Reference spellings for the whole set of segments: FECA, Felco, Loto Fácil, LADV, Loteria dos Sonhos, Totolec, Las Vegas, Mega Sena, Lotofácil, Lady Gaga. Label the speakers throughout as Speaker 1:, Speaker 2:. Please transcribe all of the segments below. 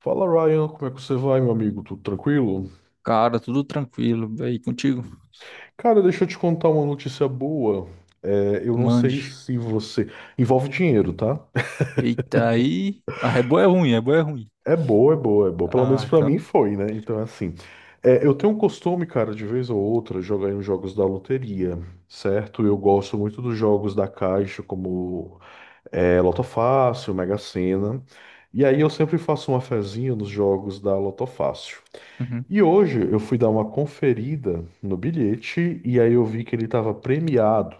Speaker 1: Fala Ryan, como é que você vai, meu amigo? Tudo tranquilo?
Speaker 2: Cara, tudo tranquilo. E aí, contigo?
Speaker 1: Cara, deixa eu te contar uma notícia boa. É, eu não sei
Speaker 2: Mande.
Speaker 1: se você. Envolve dinheiro, tá?
Speaker 2: Eita, aí. Ah, é boa é ruim, é boa é ruim.
Speaker 1: É boa, é boa, é boa. Pelo menos
Speaker 2: Ah,
Speaker 1: pra mim
Speaker 2: então.
Speaker 1: foi, né? Então, é assim. Eu tenho um costume, cara, de vez ou outra, jogar em jogos da loteria, certo? Eu gosto muito dos jogos da Caixa, como Loto Fácil, Mega Sena. E aí eu sempre faço uma fezinha nos jogos da Loto Fácil.
Speaker 2: Uhum.
Speaker 1: E hoje eu fui dar uma conferida no bilhete e aí eu vi que ele estava premiado,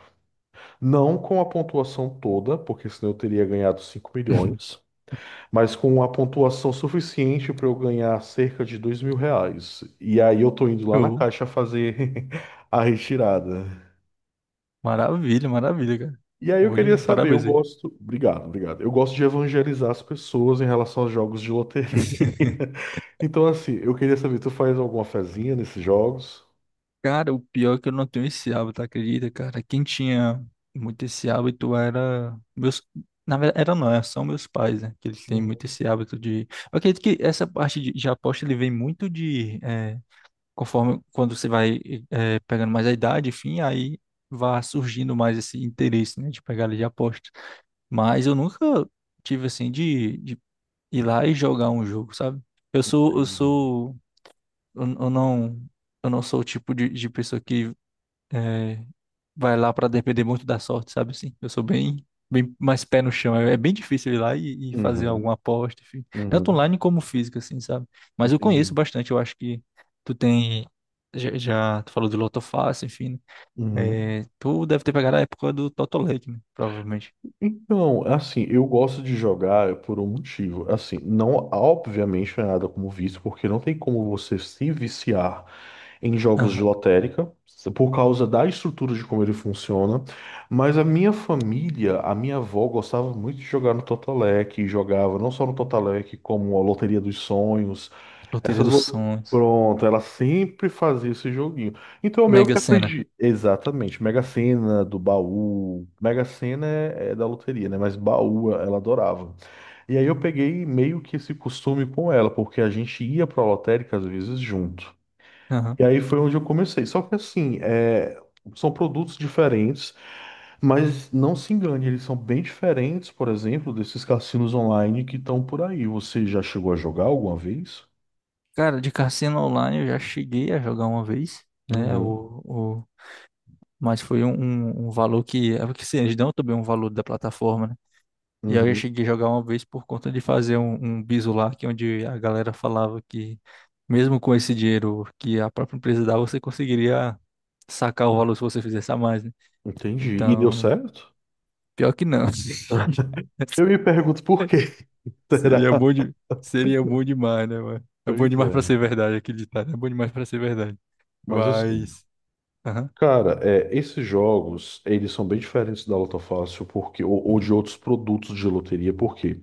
Speaker 1: não com a pontuação toda, porque senão eu teria ganhado 5 milhões, mas com uma pontuação suficiente para eu ganhar cerca de 2 mil reais. E aí eu tô indo lá na
Speaker 2: Show.
Speaker 1: caixa fazer a retirada.
Speaker 2: Maravilha, maravilha, cara.
Speaker 1: E aí eu
Speaker 2: Bom
Speaker 1: queria
Speaker 2: demais,
Speaker 1: saber, eu
Speaker 2: parabéns aí.
Speaker 1: gosto. Obrigado, obrigado. Eu gosto de evangelizar as pessoas em relação aos jogos de loteria. Então, assim, eu queria saber, tu faz alguma fezinha nesses jogos?
Speaker 2: Cara, o pior é que eu não tenho esse hábito, acredita, cara? Quem tinha muito esse hábito era meus. Na verdade, era não, são meus pais, né? Que eles têm muito
Speaker 1: Hum,
Speaker 2: esse hábito de. Eu acredito que essa parte de aposta ele vem muito de. Conforme quando você vai pegando mais a idade, enfim, aí vai surgindo mais esse interesse, né, de pegada de aposta. Mas eu nunca tive assim de ir lá e jogar um jogo, sabe? Eu sou, eu
Speaker 1: Entendi.
Speaker 2: sou, eu não, Eu não sou o tipo de pessoa que é, vai lá pra depender muito da sorte, sabe assim? Eu sou bem, bem mais pé no chão. É bem difícil ir lá e fazer
Speaker 1: Uhum,
Speaker 2: alguma aposta, enfim. Tanto
Speaker 1: uhum.
Speaker 2: online como física, assim, sabe? Mas eu conheço
Speaker 1: Entendi.
Speaker 2: bastante, eu acho que tu tem. Já tu falou de Lotofácil, enfim,
Speaker 1: Uhum.
Speaker 2: né? Tu deve ter pegado a época do Totolec, né? Provavelmente.
Speaker 1: Então, é assim, eu gosto de jogar por um motivo. Assim, não, obviamente, não é nada como vício, porque não tem como você se viciar em jogos de
Speaker 2: Aham.
Speaker 1: lotérica, por causa da estrutura de como ele funciona. Mas a minha família, a minha avó, gostava muito de jogar no Totolec, e jogava não só no Totolec, como a Loteria dos Sonhos.
Speaker 2: Loteria dos Sonhos.
Speaker 1: Pronto, ela sempre fazia esse joguinho. Então eu meio que
Speaker 2: Mega Sena.
Speaker 1: aprendi. Exatamente. Mega Sena do baú. Mega Sena é da loteria, né? Mas baú ela adorava. E aí eu peguei meio que esse costume com ela, porque a gente ia pra lotérica às vezes junto.
Speaker 2: Aham.
Speaker 1: E aí foi onde eu comecei. Só que assim, são produtos diferentes, mas não se engane, eles são bem diferentes, por exemplo, desses cassinos online que estão por aí. Você já chegou a jogar alguma vez?
Speaker 2: Cara, de cassino online eu já cheguei a jogar uma vez, né?
Speaker 1: Uhum.
Speaker 2: Mas foi um, um valor que. É porque assim, eles dão também um valor da plataforma, né? E aí eu
Speaker 1: Uhum.
Speaker 2: cheguei a jogar uma vez por conta de fazer um, bizu lá, que é onde a galera falava que mesmo com esse dinheiro que a própria empresa dá, você conseguiria sacar o valor se você fizesse a mais, né?
Speaker 1: Entendi. E deu
Speaker 2: Então,
Speaker 1: certo?
Speaker 2: pior que não.
Speaker 1: Eu me pergunto por quê, será?
Speaker 2: Seria bom de... Seria bom demais, né, mano? É bom
Speaker 1: Pois
Speaker 2: demais pra
Speaker 1: é.
Speaker 2: ser verdade, acreditar, né? É bom demais pra ser verdade.
Speaker 1: Mas assim,
Speaker 2: Mas... Aham.
Speaker 1: cara, esses jogos, eles são bem diferentes da Loto Fácil porque, ou de outros produtos de loteria, porque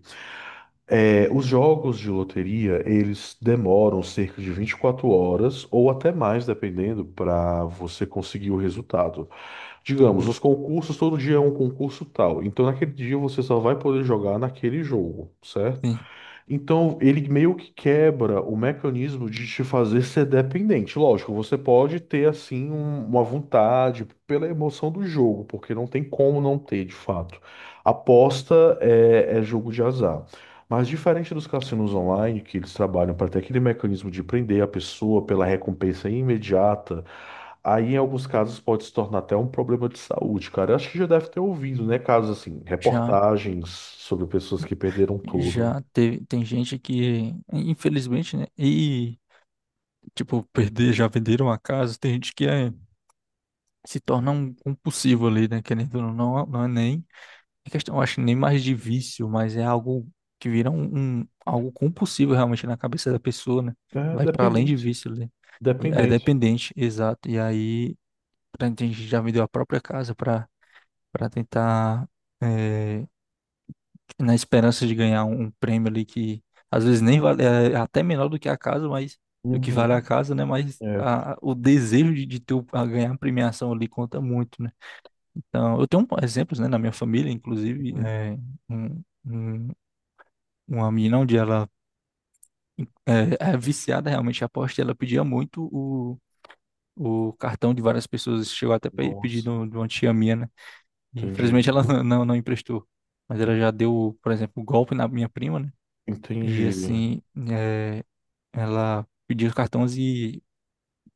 Speaker 1: os jogos de loteria, eles demoram cerca de 24 horas ou até mais, dependendo, para você conseguir o resultado. Digamos,
Speaker 2: Uhum.
Speaker 1: os concursos, todo dia é um concurso tal. Então, naquele dia, você só vai poder jogar naquele jogo, certo?
Speaker 2: Sim.
Speaker 1: Então, ele meio que quebra o mecanismo de te fazer ser dependente. Lógico, você pode ter, assim, uma vontade pela emoção do jogo, porque não tem como não ter, de fato. Aposta é, é jogo de azar. Mas diferente dos cassinos online, que eles trabalham para ter aquele mecanismo de prender a pessoa pela recompensa imediata, aí em alguns casos pode se tornar até um problema de saúde, cara. Eu acho que já deve ter ouvido, né? Casos assim,
Speaker 2: Já...
Speaker 1: reportagens sobre pessoas que perderam tudo.
Speaker 2: Já teve, tem gente que, infelizmente, né? E tipo, perder, já venderam a casa, tem gente que se torna um compulsivo ali, né? Querendo ou não, não é nem é questão, eu acho, nem mais de vício, mas é algo que vira um, algo compulsivo realmente na cabeça da pessoa, né?
Speaker 1: É
Speaker 2: Vai para além de
Speaker 1: dependente.
Speaker 2: vício ali. E é
Speaker 1: Dependente.
Speaker 2: dependente, exato. E aí, tem gente que já vendeu a própria casa para tentar eh, na esperança de ganhar um, prêmio ali que às vezes nem vale, é até menor do que a casa, mas do que vale a
Speaker 1: Uhum.
Speaker 2: casa, né? Mas
Speaker 1: É.
Speaker 2: o desejo de ter a ganhar a premiação ali conta muito, né? Então, eu tenho exemplos, né, na minha família, inclusive,
Speaker 1: Uhum.
Speaker 2: um, uma menina onde ela é viciada realmente em aposta, e ela pedia muito o. O cartão de várias pessoas chegou até pedir
Speaker 1: Nossa.
Speaker 2: de uma tia minha, né? E
Speaker 1: Entendi.
Speaker 2: infelizmente ela não emprestou. Mas ela já deu, por exemplo, o golpe na minha prima, né?
Speaker 1: Entendi.
Speaker 2: E assim, eh, ela pedia os cartões e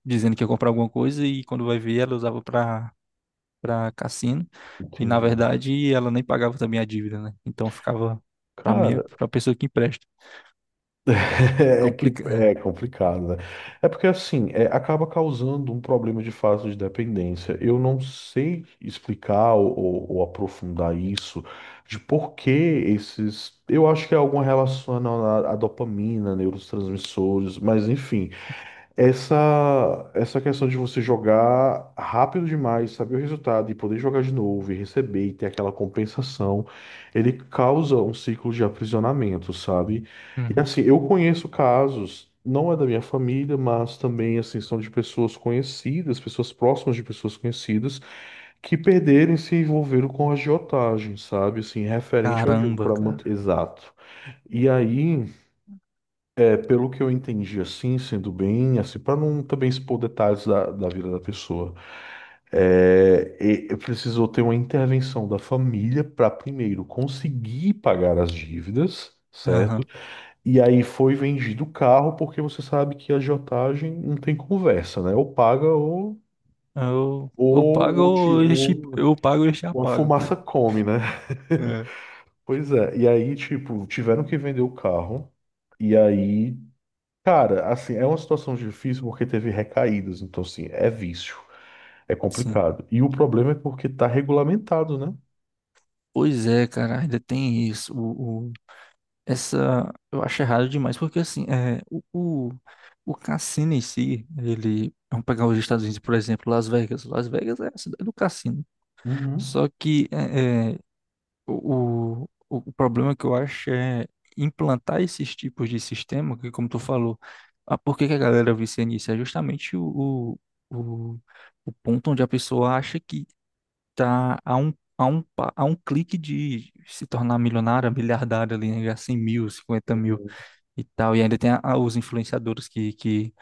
Speaker 2: dizendo que ia comprar alguma coisa e quando vai ver ela usava para cassino e na
Speaker 1: Entendi.
Speaker 2: verdade ela nem pagava também a dívida, né? Então ficava para mim,
Speaker 1: Cara,
Speaker 2: para pessoa que empresta.
Speaker 1: é que
Speaker 2: Complica,
Speaker 1: é
Speaker 2: é.
Speaker 1: complicado, né? É porque assim, acaba causando um problema de fase de dependência. Eu não sei explicar ou aprofundar isso de por que esses. Eu acho que é alguma relação à dopamina, neurotransmissores, mas enfim. Essa questão de você jogar rápido demais, saber o resultado e poder jogar de novo e receber e ter aquela compensação, ele causa um ciclo de aprisionamento, sabe? E
Speaker 2: Uhum.
Speaker 1: assim, eu conheço casos, não é da minha família, mas também assim, são de pessoas conhecidas, pessoas próximas de pessoas conhecidas, que perderam e se envolveram com agiotagem, sabe? Assim, referente ao jogo
Speaker 2: Caramba,
Speaker 1: para
Speaker 2: cara.
Speaker 1: manter. Exato. E aí. É, pelo que eu entendi, assim, sendo bem, assim, para não também expor detalhes da vida da pessoa, e precisou ter uma intervenção da família para primeiro conseguir pagar as dívidas, certo?
Speaker 2: Aham.
Speaker 1: E aí foi vendido o carro, porque você sabe que a agiotagem não tem conversa, né? Ou paga
Speaker 2: Eu
Speaker 1: ou,
Speaker 2: pago
Speaker 1: ou, te-
Speaker 2: ou
Speaker 1: ou-
Speaker 2: eu pago ou eles te
Speaker 1: ou a
Speaker 2: apagam.
Speaker 1: fumaça come, né? Pois é, e aí, tipo, tiveram que vender o carro. E aí, cara, assim, é uma situação difícil porque teve recaídas, então assim, é vício, é
Speaker 2: Sim.
Speaker 1: complicado. E o problema é porque tá regulamentado, né?
Speaker 2: Pois é, cara, ainda tem isso. o Essa eu acho errado demais, porque assim, o cassino em si, ele. Vamos pegar os Estados Unidos, por exemplo, Las Vegas. Las Vegas é a cidade do cassino. Só
Speaker 1: Uhum.
Speaker 2: que o problema que eu acho é implantar esses tipos de sistema, que como tu falou, ah, por que que a galera vicia nisso? É justamente o, o, o ponto onde a pessoa acha que tá a um clique de se tornar milionária, miliardária ali, né? Ganhar 100 mil, 50 mil e tal. E ainda tem os influenciadores que, que,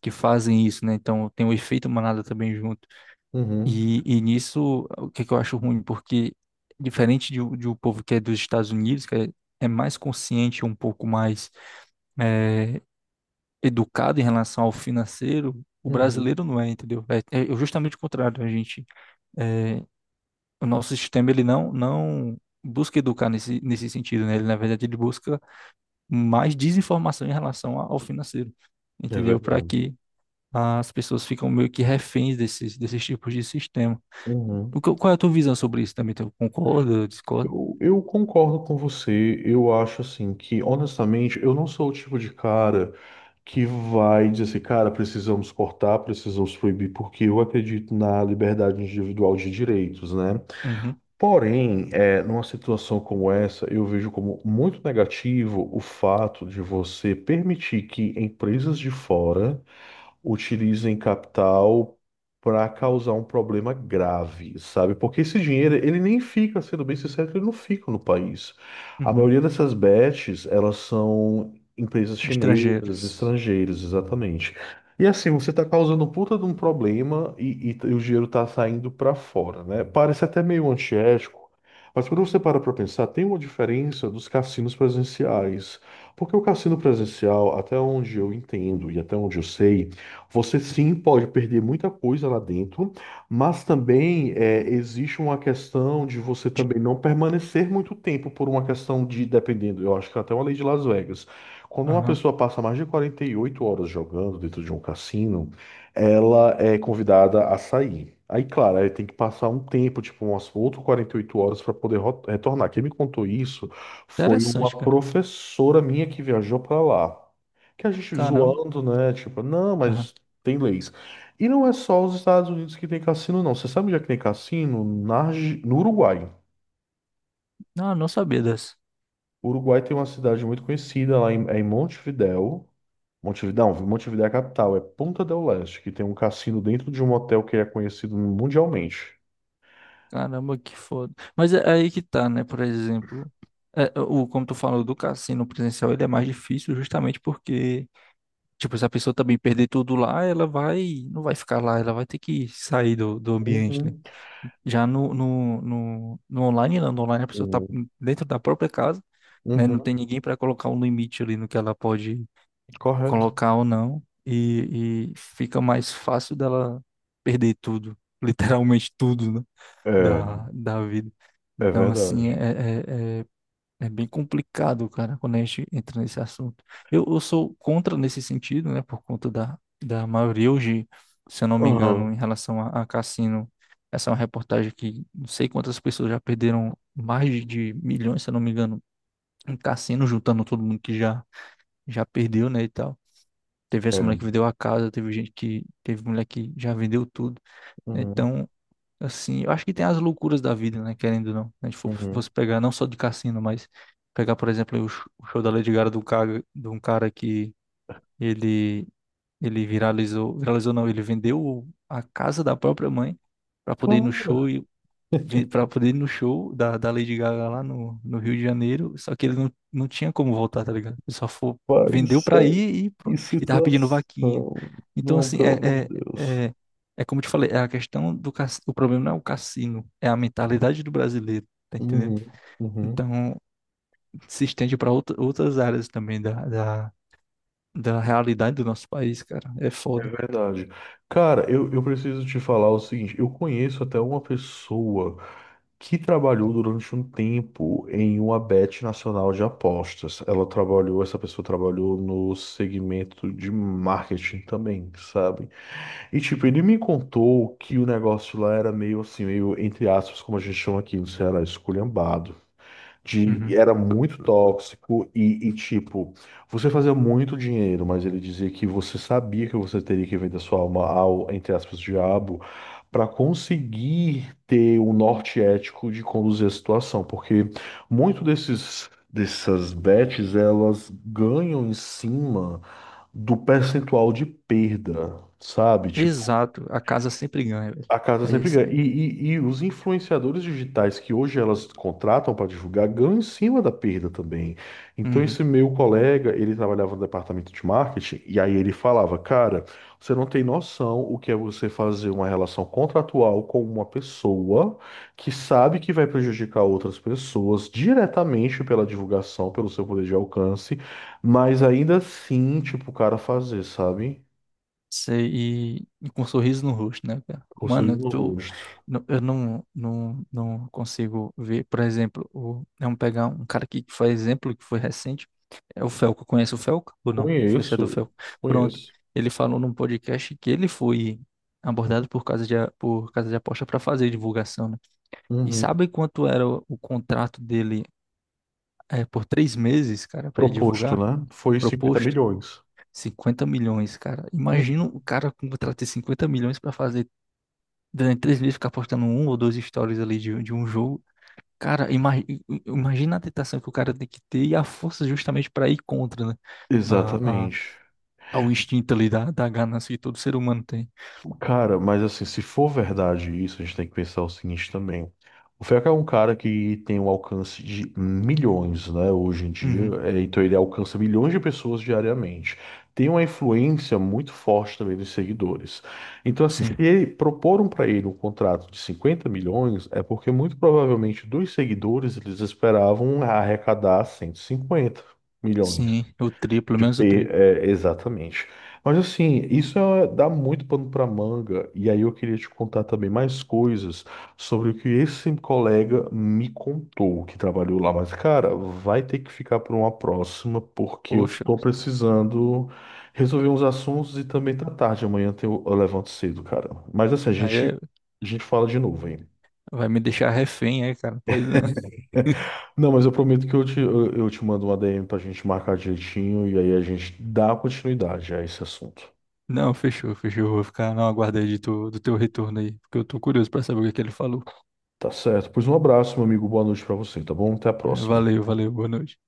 Speaker 2: que fazem isso, né? Então tem o efeito manada também junto.
Speaker 1: Uhum,
Speaker 2: E nisso, o que, que eu acho ruim? Porque diferente de o povo que é dos Estados Unidos, que é mais consciente, um pouco mais eh, educado em relação ao financeiro, o
Speaker 1: uhum.
Speaker 2: brasileiro não é, entendeu? É justamente o contrário. A gente, eh, o nosso sistema, ele não busca educar nesse sentido, né? Ele, na verdade, ele busca mais desinformação em relação ao financeiro,
Speaker 1: É
Speaker 2: entendeu? Para
Speaker 1: verdade.
Speaker 2: que as pessoas ficam meio que reféns desses tipos de sistema. O
Speaker 1: Uhum.
Speaker 2: que, qual é a tua visão sobre isso também? Tu concorda, discorda?
Speaker 1: Eu concordo com você. Eu acho assim que, honestamente, eu não sou o tipo de cara que vai dizer assim, cara, precisamos cortar, precisamos proibir, porque eu acredito na liberdade individual de direitos, né?
Speaker 2: Uhum,
Speaker 1: Porém, numa situação como essa, eu vejo como muito negativo o fato de você permitir que empresas de fora utilizem capital para causar um problema grave, sabe? Porque esse dinheiro, ele nem fica, sendo bem sincero, ele não fica no país. A
Speaker 2: uhum.
Speaker 1: maioria dessas bets, elas são empresas chinesas,
Speaker 2: Estrangeiras.
Speaker 1: estrangeiras, exatamente. E assim, você está causando um puta de um problema e o dinheiro está saindo para fora, né? Parece até meio antiético, mas quando você para para pensar, tem uma diferença dos cassinos presenciais. Porque o cassino presencial, até onde eu entendo e até onde eu sei, você sim pode perder muita coisa lá dentro, mas também é, existe uma questão de você
Speaker 2: De...
Speaker 1: também não permanecer muito tempo por uma questão de, dependendo, eu acho que até uma lei de Las Vegas. Quando uma
Speaker 2: Aham.
Speaker 1: pessoa passa mais de 48 horas jogando dentro de um cassino, ela é convidada a sair. Aí, claro, aí tem que passar um tempo, tipo umas outras 48 horas para poder retornar. Quem me contou isso foi uma
Speaker 2: Interessante, cara.
Speaker 1: professora minha que viajou para lá que a gente
Speaker 2: Caramba.
Speaker 1: zoando, né? Tipo, não,
Speaker 2: Aham.
Speaker 1: mas tem leis. E não é só os Estados Unidos que tem cassino, não. Você sabe onde é que tem cassino? No Uruguai.
Speaker 2: Não, não sabia dessa.
Speaker 1: O Uruguai tem uma cidade muito conhecida lá em Montevidéu. Montevidéu, não, Montevidéu é a capital, é Punta del Este, que tem um cassino dentro de um hotel que é conhecido mundialmente.
Speaker 2: Caramba, que foda. Mas é aí que tá, né? Por exemplo, como tu falou do cassino presencial, ele é mais difícil justamente porque tipo, se a pessoa também perder tudo lá, ela vai, não vai ficar lá, ela vai ter que sair do ambiente, né?
Speaker 1: Uhum.
Speaker 2: Já no online a pessoa tá
Speaker 1: Uhum.
Speaker 2: dentro da própria casa, né? Não
Speaker 1: Uhum.
Speaker 2: tem ninguém para colocar um limite ali no que ela pode
Speaker 1: Correto.
Speaker 2: colocar ou não, e fica mais fácil dela perder tudo, literalmente tudo, né?
Speaker 1: É,
Speaker 2: Da vida.
Speaker 1: é
Speaker 2: Então, assim,
Speaker 1: verdade.
Speaker 2: é é bem complicado, cara, quando a gente entra nesse assunto. Eu sou contra nesse sentido, né? Por conta da maioria hoje, se eu não me engano,
Speaker 1: Uhum.
Speaker 2: em relação a cassino. Essa é uma reportagem que não sei quantas pessoas já perderam mais de milhões, se eu não me engano, em cassino, juntando todo mundo que já perdeu, né? E tal. Teve essa mulher que
Speaker 1: É.
Speaker 2: vendeu a casa, teve gente que. Teve mulher que já vendeu tudo.
Speaker 1: Uhum.
Speaker 2: Então, assim, eu acho que tem as loucuras da vida, né? Querendo ou não. Se a gente
Speaker 1: Uhum.
Speaker 2: fosse pegar não só de cassino, mas pegar, por exemplo, o show da Lady Gaga do cara, de um cara que ele, ele viralizou, viralizou não, ele vendeu a casa da própria mãe para poder ir no show
Speaker 1: Cara,
Speaker 2: e para poder ir no show da Lady Gaga lá no Rio de Janeiro, só que ele não tinha como voltar, tá ligado? Ele só foi,
Speaker 1: pai do
Speaker 2: vendeu pra
Speaker 1: céu,
Speaker 2: ir e
Speaker 1: que
Speaker 2: pronto. E tava pedindo
Speaker 1: situação.
Speaker 2: vaquinha. Então,
Speaker 1: Não,
Speaker 2: assim,
Speaker 1: pelo amor de Deus.
Speaker 2: é, é como eu te falei, é a questão o problema não é o cassino, é a mentalidade do brasileiro, tá entendendo?
Speaker 1: Uhum, uhum.
Speaker 2: Então, se estende para outras áreas também da realidade do nosso país, cara. É
Speaker 1: É
Speaker 2: foda.
Speaker 1: verdade. Cara, eu preciso te falar o seguinte: eu conheço até uma pessoa que trabalhou durante um tempo em uma bet nacional de apostas. Ela trabalhou, essa pessoa trabalhou no segmento de marketing também, sabe? E tipo, ele me contou que o negócio lá era meio assim, meio entre aspas, como a gente chama aqui no Ceará, esculhambado.
Speaker 2: Uhum.
Speaker 1: Era muito tóxico e, tipo, você fazia muito dinheiro, mas ele dizia que você sabia que você teria que vender sua alma ao, entre aspas, diabo, para conseguir ter o norte ético de conduzir a situação, porque muito desses dessas bets, elas ganham em cima do percentual de perda, sabe? Tipo,
Speaker 2: Exato, a casa sempre ganha, velho.
Speaker 1: a casa
Speaker 2: É
Speaker 1: sempre
Speaker 2: isso.
Speaker 1: ganha. E os influenciadores digitais que hoje elas contratam para divulgar ganham em cima da perda também. Então,
Speaker 2: Uhum.
Speaker 1: esse meu colega, ele trabalhava no departamento de marketing, e aí ele falava: Cara, você não tem noção o que é você fazer uma relação contratual com uma pessoa que sabe que vai prejudicar outras pessoas diretamente pela divulgação, pelo seu poder de alcance, mas ainda assim, tipo, o cara fazer, sabe?
Speaker 2: Sei, e com um sorriso no rosto, né, cara?
Speaker 1: Com um sorriso
Speaker 2: Mano,
Speaker 1: no rosto.
Speaker 2: eu não consigo ver, por exemplo, vamos pegar um cara aqui que foi exemplo, que foi recente, é o Felco, conhece o Felco ou não? Influenciador
Speaker 1: Conheço,
Speaker 2: Felco. Pronto,
Speaker 1: conheço.
Speaker 2: ele falou num podcast que ele foi abordado por casa de aposta para fazer divulgação, né? E
Speaker 1: Uhum.
Speaker 2: sabe quanto era o contrato dele, por 3 meses, cara, para ele
Speaker 1: Proposto,
Speaker 2: divulgar?
Speaker 1: né? Foi 50
Speaker 2: Proposto?
Speaker 1: milhões.
Speaker 2: 50 milhões, cara. Imagina
Speaker 1: Uhum.
Speaker 2: o cara contratar ter 50 milhões pra fazer durante 3 meses ficar postando um ou dois stories ali de um jogo. Cara, imagina a tentação que o cara tem que ter e a força justamente pra ir contra, né? A, a,
Speaker 1: Exatamente.
Speaker 2: ao instinto ali da ganância que todo ser humano tem.
Speaker 1: Cara, mas assim, se for verdade isso, a gente tem que pensar o seguinte também. O FECA é um cara que tem um alcance de milhões, né, hoje em dia.
Speaker 2: Uhum,
Speaker 1: É, então ele alcança milhões de pessoas diariamente. Tem uma influência muito forte também dos seguidores. Então, assim, se
Speaker 2: sim,
Speaker 1: proporam para ele um contrato de 50 milhões, é porque muito provavelmente dos seguidores eles esperavam arrecadar 150 milhões.
Speaker 2: sim, o triplo,
Speaker 1: De
Speaker 2: menos o
Speaker 1: P,
Speaker 2: triplo.
Speaker 1: é, exatamente. Mas assim, isso é- dá muito pano para manga, e aí eu queria te contar também mais coisas sobre o que esse colega me contou que trabalhou lá. Mas, cara, vai ter que ficar para uma próxima, porque eu
Speaker 2: Poxa,
Speaker 1: tô precisando resolver uns assuntos e também tá tarde. Amanhã eu levanto cedo, cara. Mas assim,
Speaker 2: aí
Speaker 1: a gente fala de novo, hein?
Speaker 2: vai me deixar refém aí, cara. Pode não.
Speaker 1: Não, mas eu prometo que eu te eu te mando uma DM pra gente marcar direitinho e aí a gente dá continuidade a esse assunto.
Speaker 2: Não, fechou, fechou. Vou ficar na aguarda aí de do teu retorno aí, porque eu tô curioso pra saber o que é que ele falou.
Speaker 1: Tá certo. Pois um abraço, meu amigo. Boa noite pra você, tá bom? Até a
Speaker 2: É,
Speaker 1: próxima.
Speaker 2: valeu, valeu, boa noite.